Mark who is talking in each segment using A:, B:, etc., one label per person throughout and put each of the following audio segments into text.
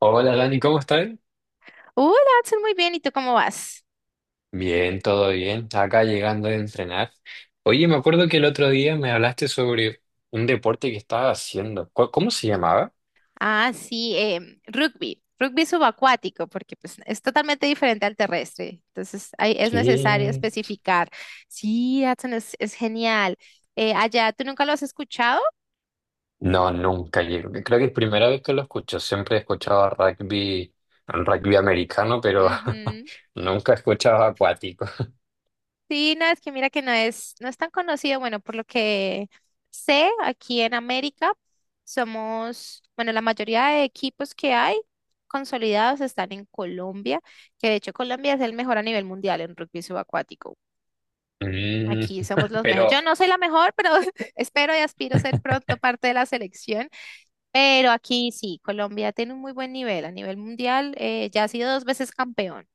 A: Hola Dani, ¿cómo estás?
B: Hola, Adson, muy bien. ¿Y tú cómo vas?
A: Bien, todo bien. Acá llegando de entrenar. Oye, me acuerdo que el otro día me hablaste sobre un deporte que estabas haciendo. ¿Cómo se llamaba?
B: Ah, sí, rugby, rugby subacuático, porque pues, es totalmente diferente al terrestre. Entonces, ahí es necesario
A: ¿Qué?
B: especificar. Sí, Adson, es genial. Allá, ¿tú nunca lo has escuchado?
A: No, nunca llego. Creo que es primera vez que lo escucho. Siempre he escuchado rugby, rugby americano, pero nunca he escuchado acuático.
B: Sí, no, es que mira que no es tan conocido. Bueno, por lo que sé, aquí en América somos, bueno, la mayoría de equipos que hay consolidados están en Colombia, que de hecho Colombia es el mejor a nivel mundial en rugby subacuático.
A: Mm,
B: Aquí somos los mejores. Yo
A: pero,
B: no soy la mejor, pero espero y aspiro ser pronto parte de la selección. Pero aquí sí, Colombia tiene un muy buen nivel a nivel mundial. Ya ha sido dos veces campeón.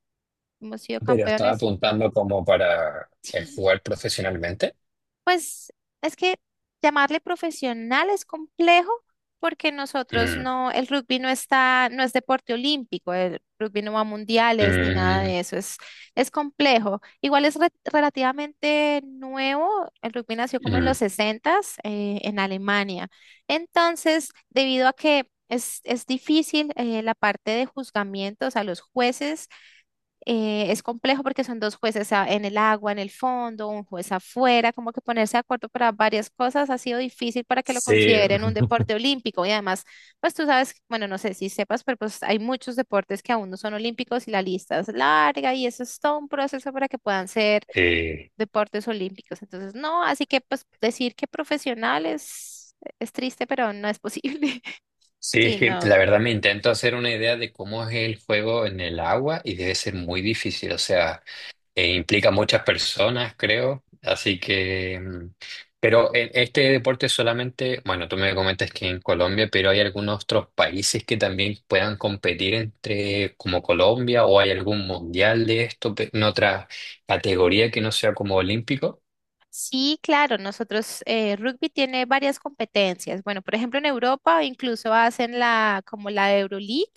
B: Hemos sido
A: pero estaba
B: campeones,
A: apuntando como para
B: sí.
A: jugar profesionalmente.
B: Pues es que llamarle profesional es complejo porque nosotros
A: Mm,
B: no, el rugby no está, no es deporte olímpico, el rugby no va a mundiales ni nada
A: mm,
B: de eso, es complejo. Igual es relativamente nuevo, el rugby nació como en los
A: mm.
B: sesentas en Alemania. Entonces, debido a que es difícil la parte de juzgamiento, o sea, los jueces es complejo porque son dos jueces en el agua, en el fondo, un juez afuera, como que ponerse de acuerdo para varias cosas ha sido difícil para que lo
A: Sí.
B: consideren un deporte olímpico. Y además, pues tú sabes, bueno, no sé si sepas, pero pues hay muchos deportes que aún no son olímpicos y la lista es larga y eso es todo un proceso para que puedan ser
A: Eh,
B: deportes olímpicos. Entonces, no, así que pues decir que profesionales es triste, pero no es posible.
A: Sí,
B: Sí,
A: es que
B: no.
A: la verdad me intento hacer una idea de cómo es el juego en el agua y debe ser muy difícil, o sea, implica muchas personas, creo, así que... mm, pero en este deporte solamente, bueno, tú me comentas que en Colombia, pero hay algunos otros países que también puedan competir entre como Colombia o hay algún mundial de esto en otra categoría que no sea como olímpico.
B: Sí, claro, nosotros, rugby tiene varias competencias. Bueno, por ejemplo, en Europa incluso hacen como la Euroleague,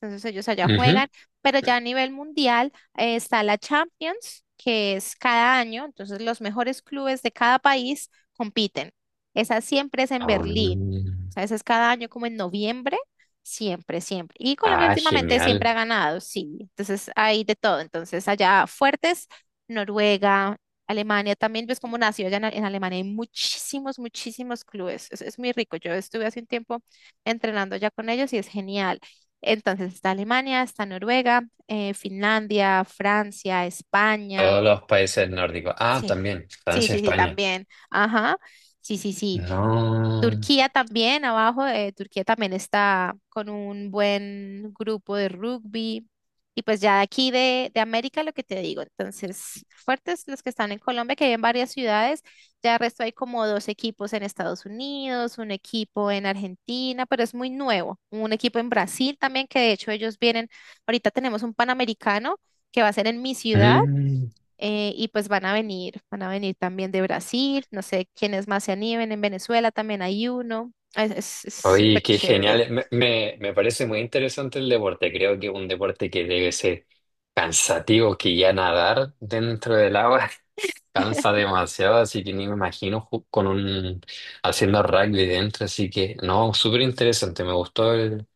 B: entonces ellos allá
A: Ujú.
B: juegan, pero ya a nivel mundial, está la Champions, que es cada año, entonces los mejores clubes de cada país compiten. Esa siempre es en
A: Ah,
B: Berlín, o sea, esa es cada año como en noviembre, siempre, siempre. Y Colombia
A: ah,
B: últimamente siempre
A: genial.
B: ha ganado, sí, entonces hay de todo, entonces allá fuertes. Noruega, Alemania también, ves cómo nació allá en Alemania, hay muchísimos, muchísimos clubes, es, muy rico, yo estuve hace un tiempo entrenando ya con ellos y es genial. Entonces está Alemania, está Noruega, Finlandia, Francia, España,
A: Todos los países nórdicos. Ah,
B: sí,
A: también,
B: sí,
A: Francia,
B: sí, sí,
A: España.
B: también, ajá, sí, sí, sí.
A: No.
B: Turquía también, abajo, Turquía también está con un buen grupo de rugby. Y pues ya de aquí de América lo que te digo, entonces fuertes los que están en Colombia, que hay en varias ciudades, ya el resto hay como dos equipos en Estados Unidos, un equipo en Argentina, pero es muy nuevo, un equipo en Brasil también, que de hecho ellos vienen, ahorita tenemos un Panamericano que va a ser en mi ciudad
A: Mm.
B: y pues van a venir, también de Brasil, no sé quiénes más se animen, en Venezuela también hay uno, es súper
A: Oye, qué
B: chévere,
A: genial. Me parece muy interesante el deporte. Creo que un deporte que debe ser cansativo, que ya nadar dentro del agua cansa demasiado, así que ni me imagino con un haciendo rugby dentro. Así que no, súper interesante. Me gustó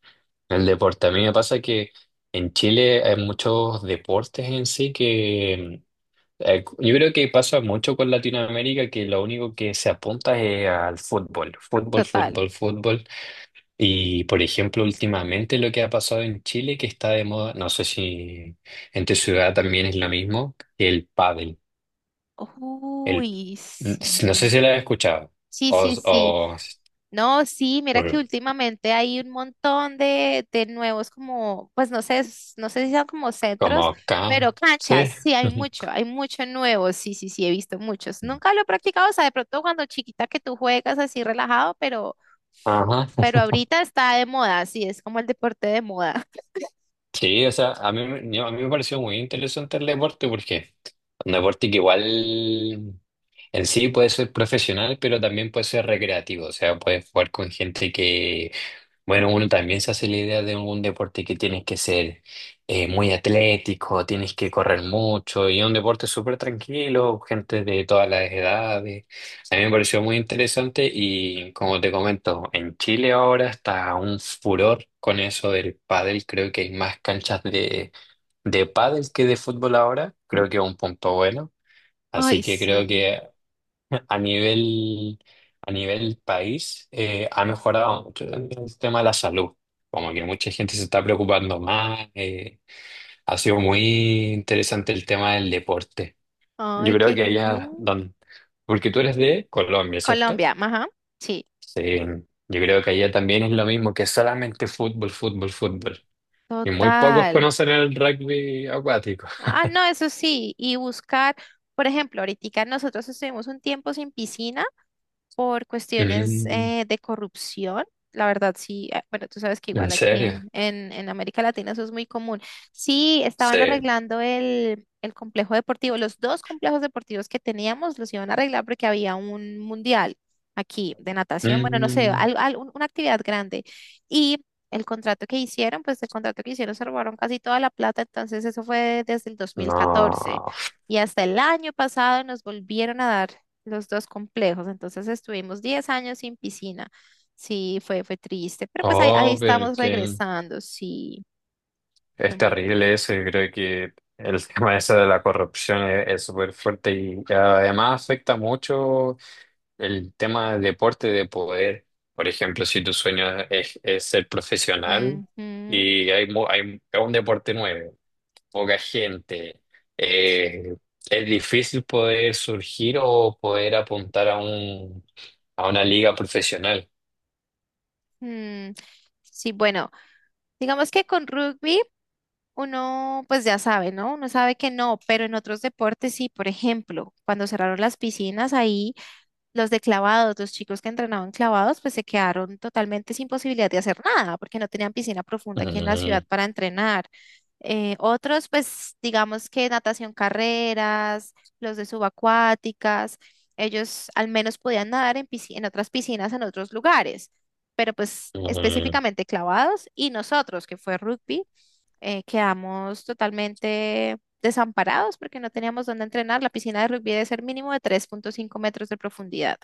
A: el deporte. A mí me pasa que en Chile hay muchos deportes en sí que yo creo que pasa mucho con Latinoamérica que lo único que se apunta es al fútbol, fútbol,
B: total.
A: fútbol, fútbol. Y por ejemplo, últimamente lo que ha pasado en Chile, que está de moda, no sé si en tu ciudad también es lo mismo, que el pádel. El,
B: Uy,
A: no sé
B: sí.
A: si lo has escuchado.
B: Sí, sí, sí.
A: O
B: No, sí, mira que
A: Bueno,
B: últimamente hay un montón de nuevos como, pues no sé, no sé si son como
A: como
B: centros,
A: acá,
B: pero canchas,
A: sí.
B: sí, hay mucho nuevo, sí, sí, sí, he visto muchos. Nunca lo he practicado, o sea, de pronto cuando chiquita que tú juegas así relajado, pero
A: Ajá.
B: Pero ahorita está de moda, sí, es como el deporte de moda.
A: Sí, o sea, a mí, a mí me pareció muy interesante el deporte porque un deporte que igual en sí puede ser profesional, pero también puede ser recreativo, o sea, puedes jugar con gente que, bueno, uno también se hace la idea de un deporte que tienes que ser muy atlético, tienes que correr mucho, y es un deporte súper tranquilo, gente de todas las edades. A mí me pareció muy interesante y como te comento, en Chile ahora está un furor con eso del pádel, creo que hay más canchas de pádel que de fútbol ahora, creo que es un punto bueno. Así
B: Ay,
A: que creo
B: sí.
A: que a nivel, a nivel país ha mejorado mucho en el tema de la salud. Como que mucha gente se está preocupando más. Ha sido muy interesante el tema del deporte. Yo
B: Ay,
A: creo
B: qué
A: que allá
B: genial.
A: donde... Porque tú eres de Colombia, ¿cierto?
B: Colombia, ajá. Sí,
A: Sí. Yo creo que allá también es lo mismo, que solamente fútbol, fútbol, fútbol. Y muy pocos
B: total.
A: conocen el rugby acuático.
B: Ah, no, eso sí. Y buscar, por ejemplo, ahorita nosotros estuvimos un tiempo sin piscina, por cuestiones
A: Mm,
B: de corrupción. La verdad, sí, bueno, tú sabes que
A: ¿en
B: igual aquí
A: serio?
B: en América Latina eso es muy común. Sí, estaban
A: Sí.
B: arreglando el complejo deportivo, los dos complejos deportivos que teníamos los iban a arreglar porque había un mundial aquí de natación, bueno, no sé,
A: Mm,
B: una actividad grande. Y el contrato que hicieron, pues el contrato que hicieron se robaron casi toda la plata, entonces eso fue desde el 2014.
A: no.
B: Y hasta el año pasado nos volvieron a dar los dos complejos. Entonces estuvimos 10 años sin piscina. Sí, fue triste, pero pues ahí
A: Oh, pero
B: estamos
A: que
B: regresando. Sí, fue
A: es
B: muy...
A: terrible eso. Yo creo que el tema ese de la corrupción es súper fuerte y además afecta mucho el tema del deporte de poder. Por ejemplo, si tu sueño es ser profesional
B: Ujú,
A: y hay, es un deporte nuevo, poca gente, eh, es difícil poder surgir o poder apuntar a a una liga profesional.
B: ujú. Sí, bueno, digamos que con rugby uno pues ya sabe, ¿no? Uno sabe que no, pero en otros deportes sí, por ejemplo, cuando cerraron las piscinas ahí, los de clavados, los chicos que entrenaban clavados, pues se quedaron totalmente sin posibilidad de hacer nada porque no tenían piscina profunda aquí en la ciudad
A: Mm,
B: para entrenar. Otros, pues digamos que natación carreras, los de subacuáticas, ellos al menos podían nadar en otras piscinas en otros lugares, pero pues
A: mm,
B: específicamente clavados y nosotros, que fue rugby, quedamos totalmente desamparados porque no teníamos dónde entrenar. La piscina de rugby debe ser mínimo de 3.5 metros de profundidad.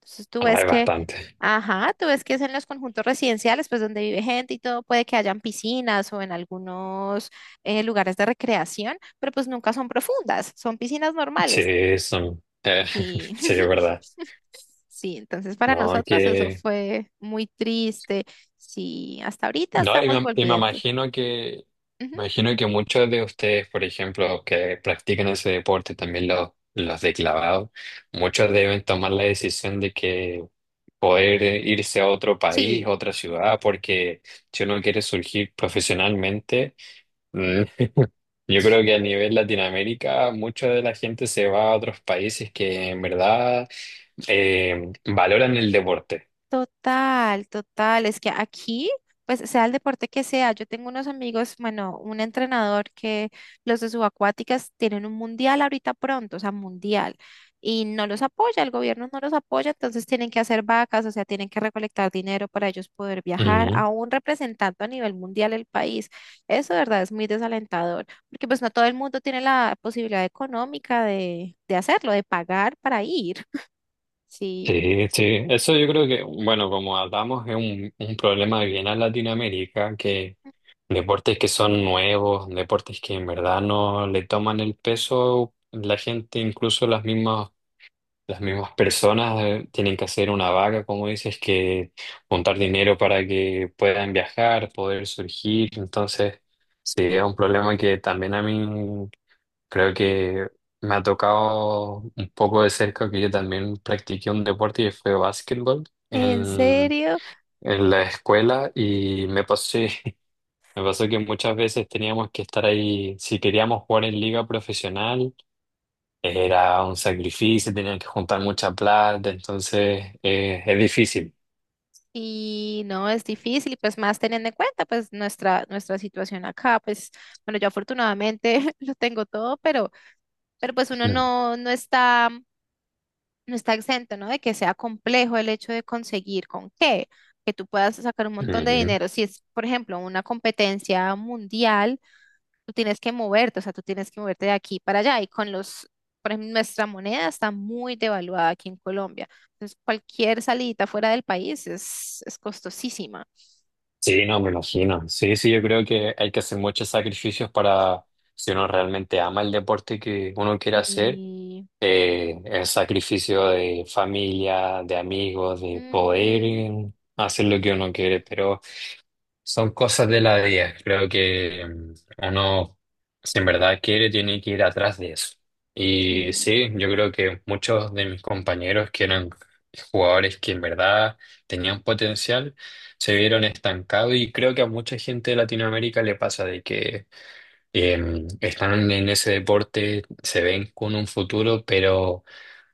B: Entonces tú
A: ah,
B: ves
A: es
B: que,
A: bastante.
B: ajá, tú ves que es en los conjuntos residenciales, pues donde vive gente y todo, puede que hayan piscinas o en algunos lugares de recreación, pero pues nunca son profundas, son piscinas normales.
A: Sí, son,
B: Sí,
A: sí, es verdad.
B: sí, entonces para
A: No,
B: nosotros eso
A: que,
B: fue muy triste. Sí, hasta ahorita
A: no,
B: estamos
A: y me
B: volviendo. Ujú,
A: imagino que muchos de ustedes, por ejemplo, que practican ese deporte, también los de clavado, muchos deben tomar la decisión de que poder irse a otro país,
B: sí,
A: a otra ciudad, porque si uno quiere surgir profesionalmente, mm, yo
B: sí.
A: creo que a nivel Latinoamérica, mucha de la gente se va a otros países que en verdad valoran el deporte.
B: Total, total. Es que aquí, pues sea el deporte que sea, yo tengo unos amigos, bueno, un entrenador que los de subacuáticas tienen un mundial ahorita pronto, o sea, mundial, y no los apoya, el gobierno no los apoya, entonces tienen que hacer vacas, o sea, tienen que recolectar dinero para ellos poder viajar,
A: Ujú.
B: aún representando a nivel mundial el país. Eso de verdad es muy desalentador, porque pues no todo el mundo tiene la posibilidad económica de hacerlo, de pagar para ir. Sí.
A: Sí, sí, eso yo creo que, bueno, como hablamos, es un problema bien a Latinoamérica, que deportes que son nuevos, deportes que en verdad no le toman el peso, la gente, incluso las mismas personas, tienen que hacer una vaca, como dices, que juntar dinero para que puedan viajar, poder surgir, entonces, sí, es un problema que también a mí creo que me ha tocado un poco de cerca que yo también practiqué un deporte y fue básquetbol
B: ¿En
A: en,
B: serio?
A: en la escuela y me pasó que muchas veces teníamos que estar ahí, si queríamos jugar en liga profesional, era un sacrificio, tenían que juntar mucha plata, entonces es difícil.
B: Y no, es difícil, y pues más teniendo en cuenta pues nuestra situación acá, pues bueno, yo afortunadamente lo tengo todo, pero, pues uno no, no está exento, ¿no? De que sea complejo el hecho de conseguir con qué, que tú puedas sacar un montón de
A: Ujú.
B: dinero. Si es, por ejemplo, una competencia mundial, tú tienes que moverte, o sea, tú tienes que moverte de aquí para allá, y con los, por ejemplo, nuestra moneda está muy devaluada aquí en Colombia, entonces cualquier salidita fuera del país es costosísima.
A: Sí, no, me imagino. Sí, sí, yo creo que hay que hacer muchos sacrificios para, si uno realmente ama el deporte que uno quiere hacer
B: Y
A: el sacrificio de familia, de amigos, de poder
B: Ujú.
A: hacer lo que uno quiere, pero son cosas de la vida. Creo que uno, si en verdad quiere, tiene que ir atrás de eso. Y
B: Sí,
A: sí, yo creo que muchos de mis compañeros que eran jugadores que en verdad tenían potencial, se vieron estancados y creo que a mucha gente de Latinoamérica le pasa de que están en ese deporte, se ven con un futuro, pero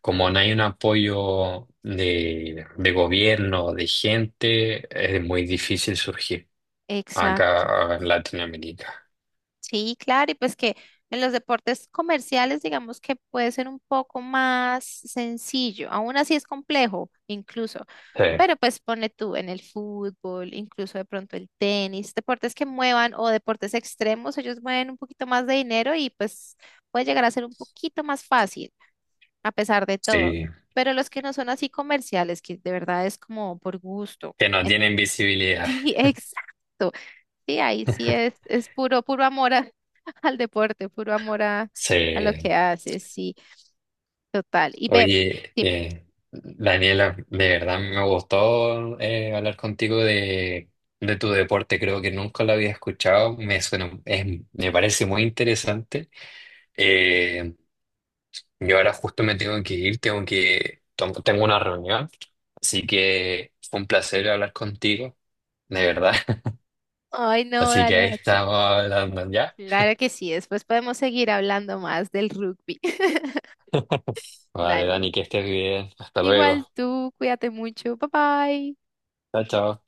A: como no hay un apoyo de gobierno, de gente, es muy difícil surgir
B: exacto.
A: acá en Latinoamérica.
B: Sí, claro, y pues que en los deportes comerciales digamos que puede ser un poco más sencillo, aún así es complejo incluso,
A: Sí,
B: pero pues pone tú en el fútbol, incluso de pronto el tenis, deportes que muevan o deportes extremos, ellos mueven un poquito más de dinero y pues puede llegar a ser un poquito más fácil a pesar de todo,
A: sí,
B: pero los que no son así comerciales, que de verdad es como por gusto.
A: que no tienen visibilidad.
B: Sí, exacto. Sí, ahí sí es puro, puro amor al deporte, puro amor a lo que
A: Sí.
B: haces, sí, total. Y ve,
A: Oye,
B: dime.
A: Daniela, de verdad me gustó hablar contigo de tu deporte, creo que nunca lo había escuchado, me suena, me parece muy interesante. Eh, yo ahora justo me tengo que ir, tengo una reunión, así que fue un placer hablar contigo, de verdad.
B: Ay, no,
A: Así que
B: dale,
A: ahí
B: Hudson.
A: estamos hablando ya.
B: Claro que sí, después podemos seguir hablando más del rugby.
A: Vale,
B: Dale.
A: Dani, que estés bien. Hasta
B: Igual
A: luego.
B: tú, cuídate mucho. Bye bye.
A: Chao, chao.